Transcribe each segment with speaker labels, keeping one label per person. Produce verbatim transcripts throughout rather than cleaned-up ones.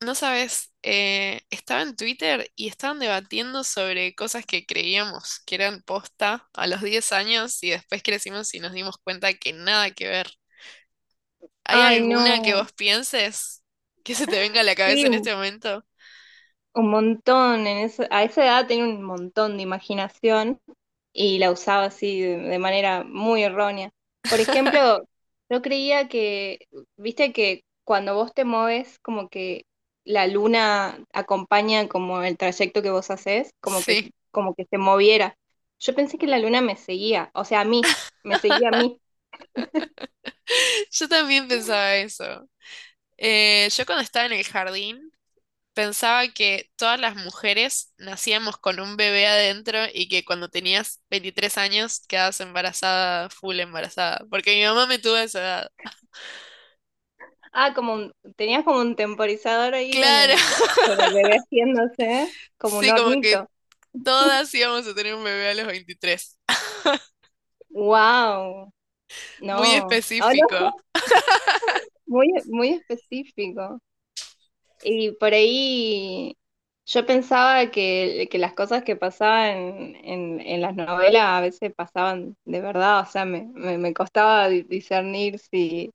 Speaker 1: No sabes, eh, estaba en Twitter y estaban debatiendo sobre cosas que creíamos que eran posta a los diez años y después crecimos y nos dimos cuenta que nada que ver. ¿Hay
Speaker 2: Ay,
Speaker 1: alguna que
Speaker 2: no,
Speaker 1: vos pienses que se te venga a la cabeza
Speaker 2: sí,
Speaker 1: en
Speaker 2: un
Speaker 1: este momento?
Speaker 2: un montón. En ese- a esa edad tenía un montón de imaginación y la usaba así de, de manera muy errónea. Por ejemplo, yo creía que, viste que cuando vos te mueves, como que la luna acompaña como el trayecto que vos haces, como que,
Speaker 1: Sí,
Speaker 2: como que se moviera. Yo pensé que la luna me seguía, o sea, a mí, me seguía a mí.
Speaker 1: yo también pensaba eso. Eh, yo cuando estaba en el jardín pensaba que todas las mujeres nacíamos con un bebé adentro y que cuando tenías veintitrés años quedabas embarazada, full embarazada, porque mi mamá me tuvo a esa edad.
Speaker 2: Ah, como un- tenías como un temporizador ahí con
Speaker 1: Claro,
Speaker 2: el, con el bebé haciéndose, como un
Speaker 1: sí, como que
Speaker 2: hornito.
Speaker 1: todas íbamos a tener un bebé a los veintitrés.
Speaker 2: Wow,
Speaker 1: Muy
Speaker 2: no, ah,
Speaker 1: específico.
Speaker 2: no. Muy, muy específico. Y por ahí yo pensaba que, que las cosas que pasaban en, en las novelas a veces pasaban de verdad, o sea, me, me, me costaba di- discernir si,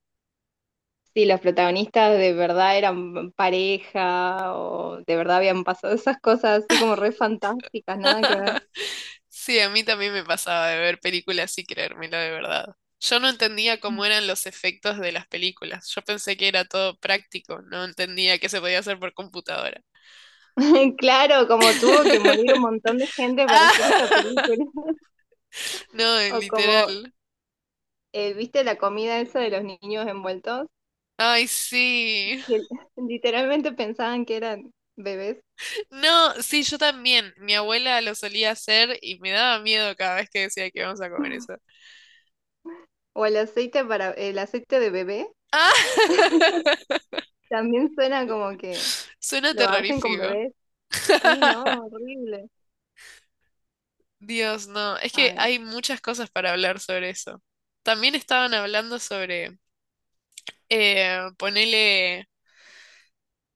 Speaker 2: si los protagonistas de verdad eran pareja o de verdad habían pasado esas cosas así como re fantásticas, nada que ver.
Speaker 1: Sí, a mí también me pasaba de ver películas y creérmelo de verdad. Yo no entendía cómo eran los efectos de las películas. Yo pensé que era todo práctico, no entendía que se podía hacer por computadora.
Speaker 2: Claro, como tuvo que morir un montón de gente para hacer esta
Speaker 1: Ah,
Speaker 2: película,
Speaker 1: no, eh,
Speaker 2: o como,
Speaker 1: literal.
Speaker 2: eh, ¿viste la comida esa de los niños envueltos?
Speaker 1: Ay, sí.
Speaker 2: Que literalmente pensaban que eran bebés,
Speaker 1: No, sí, yo también. Mi abuela lo solía hacer y me daba miedo cada vez que decía que íbamos a comer eso.
Speaker 2: o el aceite para, el aceite de bebé,
Speaker 1: Ah,
Speaker 2: también suena como que
Speaker 1: suena
Speaker 2: lo hacen con
Speaker 1: terrorífico.
Speaker 2: bebés. Sí, no, horrible.
Speaker 1: Dios, no. Es que
Speaker 2: Ay.
Speaker 1: hay muchas cosas para hablar sobre eso. También estaban hablando sobre eh, ponele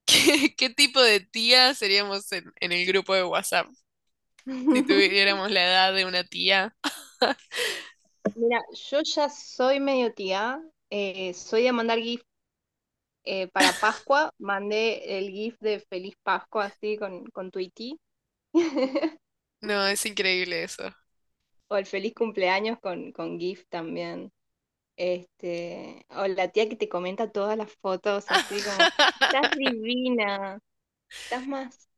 Speaker 1: qué tipo de tía seríamos en, en el grupo de WhatsApp si tuviéramos la edad de una tía.
Speaker 2: Mira, yo ya soy medio tía, eh, soy de mandar GIF eh, para Pascua, mandé el GIF de Feliz Pascua así con, con Tweety.
Speaker 1: No, es increíble eso.
Speaker 2: O el feliz cumpleaños con, con GIF también. Este, o la tía que te comenta todas las fotos, así como, estás divina, estás más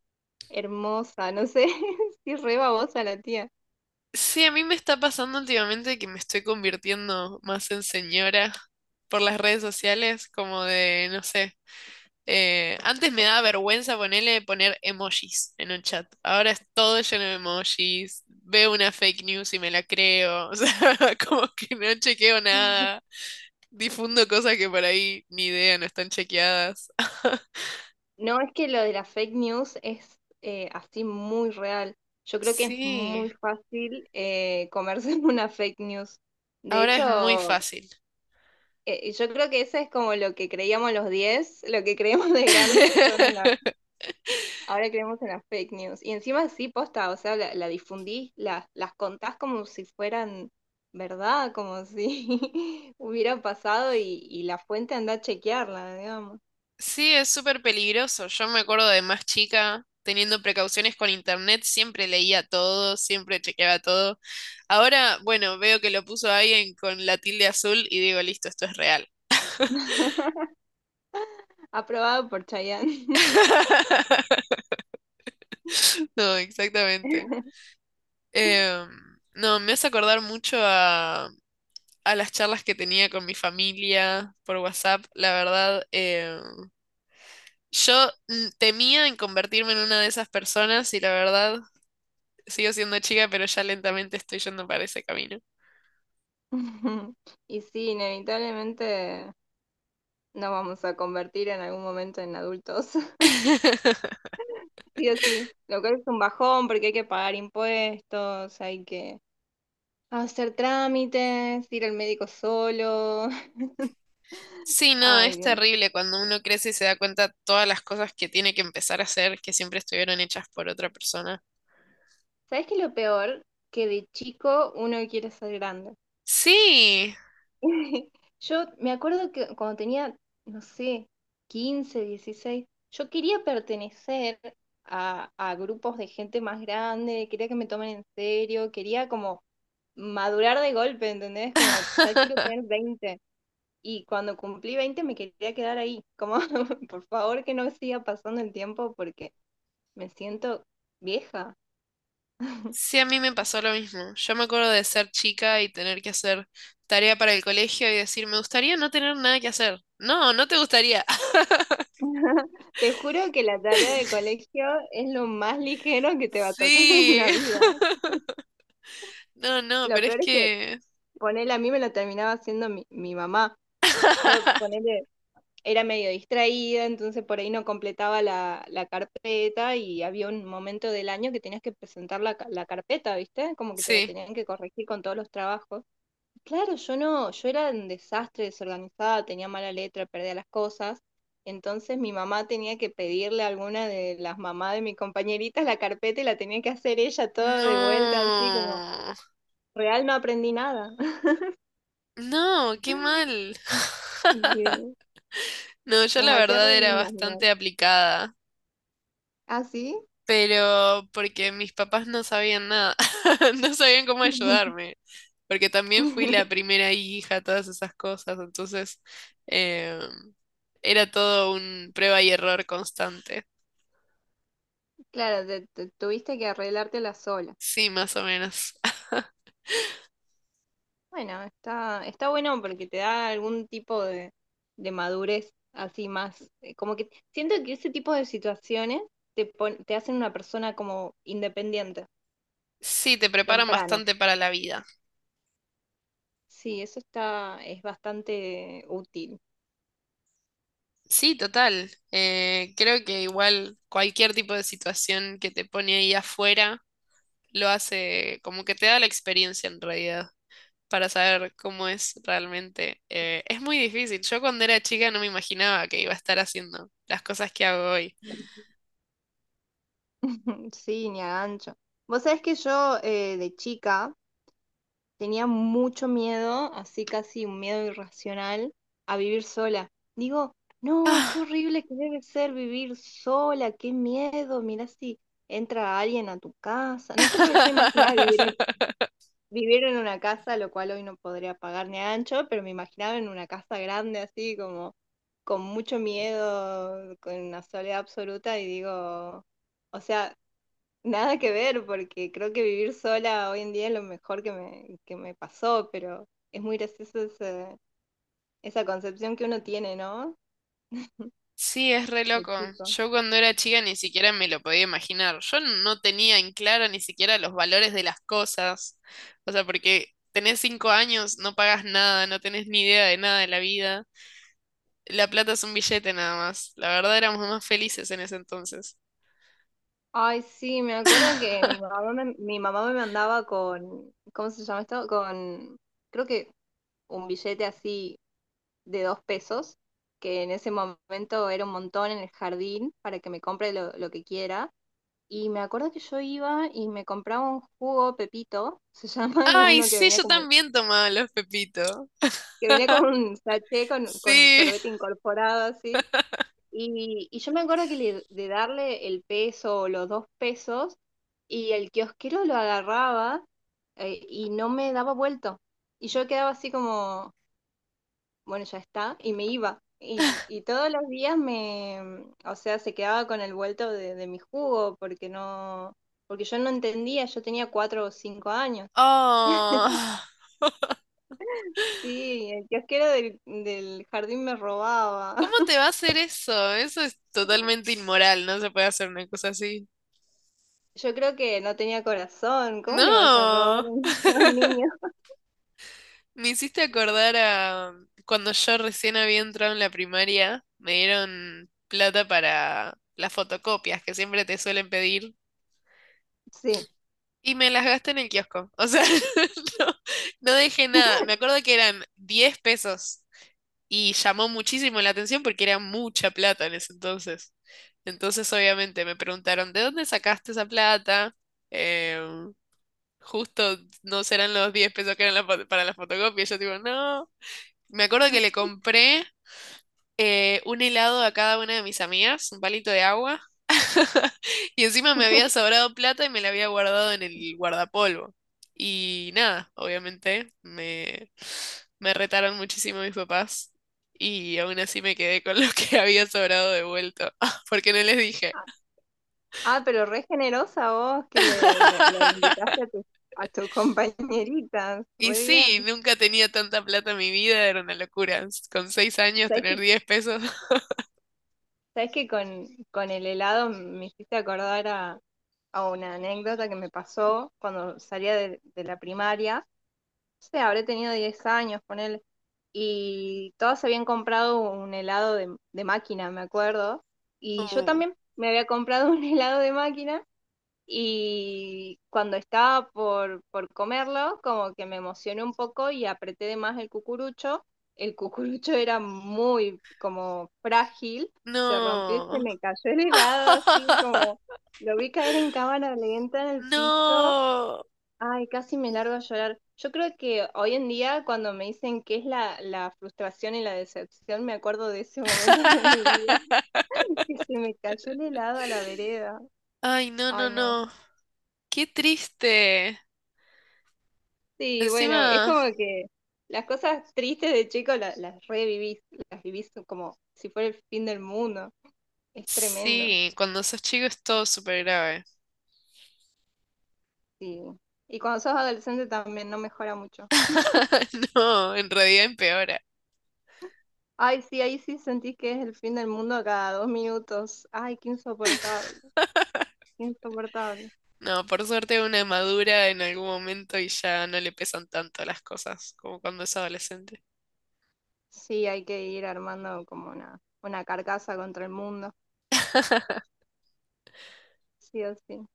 Speaker 2: hermosa, no sé, si re babosa la tía.
Speaker 1: Sí, a mí me está pasando últimamente que me estoy convirtiendo más en señora por las redes sociales, como de, no sé, eh, antes me daba vergüenza ponerle poner emojis en un chat. Ahora es todo lleno de emojis, veo una fake news y me la creo, o sea, como que no chequeo nada, difundo cosas que por ahí ni idea, no están chequeadas.
Speaker 2: No, es que lo de la fake news es eh, así muy real. Yo creo que es
Speaker 1: Sí,
Speaker 2: muy fácil eh, comerse una fake news. De
Speaker 1: ahora es muy
Speaker 2: hecho,
Speaker 1: fácil.
Speaker 2: eh, yo creo que eso es como lo que creíamos los diez lo que creíamos de grandes, son la- Ahora creemos en las fake news. Y encima sí, posta, o sea, la, la difundís, la- las contás como si fueran verdad, como si hubiera pasado y, y la fuente anda a chequearla, digamos.
Speaker 1: Sí, es súper peligroso. Yo me acuerdo de más chica, teniendo precauciones con internet, siempre leía todo, siempre chequeaba todo. Ahora, bueno, veo que lo puso alguien con la tilde azul y digo, listo, esto es real.
Speaker 2: Aprobado por Chayanne.
Speaker 1: No, exactamente. Em, no, me hace acordar mucho a, a las charlas que tenía con mi familia por WhatsApp. La verdad, em, yo mm, temía en convertirme en una de esas personas y la verdad sigo siendo chica, pero ya lentamente estoy yendo para ese camino.
Speaker 2: Y sí, inevitablemente nos vamos a convertir en algún momento en adultos, sí o sí. Lo cual es un bajón porque hay que pagar impuestos, hay que hacer trámites, ir al médico solo.
Speaker 1: Sí, no,
Speaker 2: Ay,
Speaker 1: es
Speaker 2: Dios.
Speaker 1: terrible cuando uno crece y se da cuenta todas las cosas que tiene que empezar a hacer que siempre estuvieron hechas por otra persona.
Speaker 2: ¿Sabes qué es lo peor? Que de chico uno quiere ser grande.
Speaker 1: Sí,
Speaker 2: Yo me acuerdo que cuando tenía, no sé, quince, dieciséis, yo quería pertenecer a, a grupos de gente más grande, quería que me tomen en serio, quería como madurar de golpe, ¿entendés? Como ya quiero tener veinte. Y cuando cumplí veinte me quería quedar ahí, como por favor que no siga pasando el tiempo porque me siento vieja.
Speaker 1: sí, a mí me pasó lo mismo. Yo me acuerdo de ser chica y tener que hacer tarea para el colegio y decir, me gustaría no tener nada que hacer. No, no te gustaría.
Speaker 2: Te juro que la tarea de colegio es lo más ligero que te va a tocar en
Speaker 1: Sí.
Speaker 2: la vida.
Speaker 1: No, no,
Speaker 2: Lo
Speaker 1: pero es
Speaker 2: peor es que
Speaker 1: que
Speaker 2: ponele a mí me lo terminaba haciendo mi, mi mamá. Yo ponele, era medio distraída, entonces por ahí no completaba la, la carpeta y había un momento del año que tenías que presentar la, ca- la carpeta, ¿viste? Como que te la
Speaker 1: sí.
Speaker 2: tenían que corregir con todos los trabajos. Claro, yo no, yo era un desastre, desorganizada, tenía mala letra, perdía las cosas. Entonces mi mamá tenía que pedirle a alguna de las mamás de mis compañeritas la carpeta y la tenía que hacer ella todo de vuelta, así como,
Speaker 1: No,
Speaker 2: real no aprendí nada.
Speaker 1: no, qué mal.
Speaker 2: Sí,
Speaker 1: No, yo
Speaker 2: las
Speaker 1: la
Speaker 2: hacía re
Speaker 1: verdad era
Speaker 2: lindas igual.
Speaker 1: bastante aplicada,
Speaker 2: ¿Ah, sí?
Speaker 1: pero porque mis papás no sabían nada, no sabían cómo ayudarme, porque también fui la primera hija, todas esas cosas, entonces eh, era todo un prueba y error constante.
Speaker 2: Claro, te- te- tuviste que arreglártela sola.
Speaker 1: Sí, más o menos.
Speaker 2: Bueno, está, está bueno porque te da algún tipo de, de madurez así más, eh, como que siento que ese tipo de situaciones te pon- te hacen una persona como independiente,
Speaker 1: Sí, te preparan
Speaker 2: temprano.
Speaker 1: bastante para la vida.
Speaker 2: Sí, eso está, es bastante útil.
Speaker 1: Sí, total. Eh, creo que igual cualquier tipo de situación que te pone ahí afuera lo hace como que te da la experiencia en realidad para saber cómo es realmente. Eh, es muy difícil. Yo cuando era chica no me imaginaba que iba a estar haciendo las cosas que hago hoy.
Speaker 2: Sí, ni a gancho. Vos sabés que yo eh, de chica tenía mucho miedo, así casi un miedo irracional, a vivir sola. Digo, no, qué
Speaker 1: Ah.
Speaker 2: horrible que debe ser vivir sola, qué miedo, mira si entra alguien a tu casa. No sé por qué yo imaginaba vivir en, vivir en una casa, lo cual hoy no podría pagar ni a ancho, pero me imaginaba en una casa grande así, como con mucho miedo, con una soledad absoluta, y digo, o sea, nada que ver, porque creo que vivir sola hoy en día es lo mejor que me, que me pasó, pero es muy gracioso ese- esa concepción que uno tiene, ¿no?
Speaker 1: Sí, es re
Speaker 2: De
Speaker 1: loco.
Speaker 2: chico.
Speaker 1: Yo cuando era chica ni siquiera me lo podía imaginar. Yo no tenía en claro ni siquiera los valores de las cosas. O sea, porque tenés cinco años, no pagas nada, no tenés ni idea de nada de la vida. La plata es un billete nada más. La verdad éramos más felices en ese entonces.
Speaker 2: Ay, sí, me acuerdo que mi mamá me, mi mamá me mandaba con, ¿cómo se llama esto? Con, creo que un billete así de dos pesos, que en ese momento era un montón en el jardín para que me compre lo, lo que quiera. Y me acuerdo que yo iba y me compraba un jugo Pepito, se llama, que es
Speaker 1: Ay,
Speaker 2: uno que
Speaker 1: sí,
Speaker 2: venía
Speaker 1: yo
Speaker 2: como
Speaker 1: también tomaba los pepitos.
Speaker 2: que venía con un sachet, con, con un
Speaker 1: Sí.
Speaker 2: sorbete incorporado así. Y, y yo me acuerdo que le- de darle el peso o los dos pesos y el kiosquero lo agarraba eh, y no me daba vuelto. Y yo quedaba así como, bueno, ya está, y me iba. Y, y todos los días me, mm, o sea, se quedaba con el vuelto de, de mi jugo porque no, porque yo no entendía, yo tenía cuatro o cinco años.
Speaker 1: Oh,
Speaker 2: Sí, el kiosquero del, del jardín me robaba.
Speaker 1: ¿cómo te va a hacer eso? Eso es totalmente inmoral. No se puede hacer una cosa así.
Speaker 2: Yo creo que no tenía corazón. ¿Cómo le vas a robar
Speaker 1: No.
Speaker 2: a un a un niño?
Speaker 1: Me hiciste acordar a cuando yo recién había entrado en la primaria, me dieron plata para las fotocopias que siempre te suelen pedir
Speaker 2: Sí.
Speaker 1: y me las gasté en el kiosco. O sea, no, no dejé nada. Me acuerdo que eran diez pesos y llamó muchísimo la atención porque era mucha plata en ese entonces. Entonces, obviamente, me preguntaron, ¿de dónde sacaste esa plata? Eh, Justo no serán los diez pesos que eran la fo- para las fotocopias. Yo digo, no. Me acuerdo que le compré eh, un helado a cada una de mis amigas, un palito de agua, y encima me había sobrado plata y me la había guardado en el guardapolvo. Y nada, obviamente me, me retaron muchísimo mis papás y aún así me quedé con lo que había sobrado devuelto, porque no les dije.
Speaker 2: Ah, pero re generosa vos que le, le- le invitaste a tu, a tu compañerita.
Speaker 1: Y
Speaker 2: Re
Speaker 1: sí,
Speaker 2: bien.
Speaker 1: nunca tenía tanta plata en mi vida, era una locura. Con seis años
Speaker 2: ¿Sabés
Speaker 1: tener
Speaker 2: que,
Speaker 1: diez pesos.
Speaker 2: sabés que con, con el helado me hiciste acordar a, a una anécdota que me pasó cuando salía de de la primaria? Sé, habré tenido diez años, ponele. Y todas habían comprado un helado de, de máquina, me acuerdo. Y yo
Speaker 1: Uh,
Speaker 2: también me había comprado un helado de máquina. Y cuando estaba por, por comerlo, como que me emocioné un poco y apreté de más el cucurucho. El cucurucho era muy como frágil, se rompió y se
Speaker 1: no.
Speaker 2: me cayó el helado así como lo vi caer en cámara lenta en el piso.
Speaker 1: No.
Speaker 2: Ay, casi me largo a llorar. Yo creo que hoy en día, cuando me dicen qué es la, la frustración y la decepción, me acuerdo de ese momento de mi vida que se me cayó el helado a la vereda.
Speaker 1: Ay, no, no,
Speaker 2: Ay, no.
Speaker 1: no. Qué triste.
Speaker 2: Sí, bueno, es
Speaker 1: Encima,
Speaker 2: como que las cosas tristes de chico la- las, revivís, las vivís como si fuera el fin del mundo. Es tremendo.
Speaker 1: sí, cuando sos chico es todo súper grave.
Speaker 2: Sí. Y cuando sos adolescente también no mejora mucho.
Speaker 1: No, en realidad empeora.
Speaker 2: Ay, sí, ahí sí sentís que es el fin del mundo cada dos minutos. Ay, qué insoportable, qué insoportable.
Speaker 1: No, por suerte una madura en algún momento y ya no le pesan tanto las cosas como cuando es adolescente.
Speaker 2: Sí, hay que ir armando como una, una carcasa contra el mundo, sí o sí.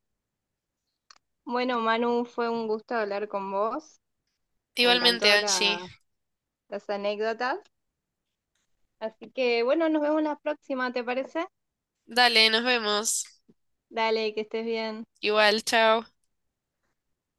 Speaker 2: Bueno, Manu, fue un gusto hablar con vos. Me
Speaker 1: Igualmente,
Speaker 2: encantó
Speaker 1: Angie.
Speaker 2: la- las anécdotas. Así que bueno, nos vemos la próxima, ¿te parece?
Speaker 1: Dale, nos vemos.
Speaker 2: Dale, que estés bien.
Speaker 1: Igual, chao.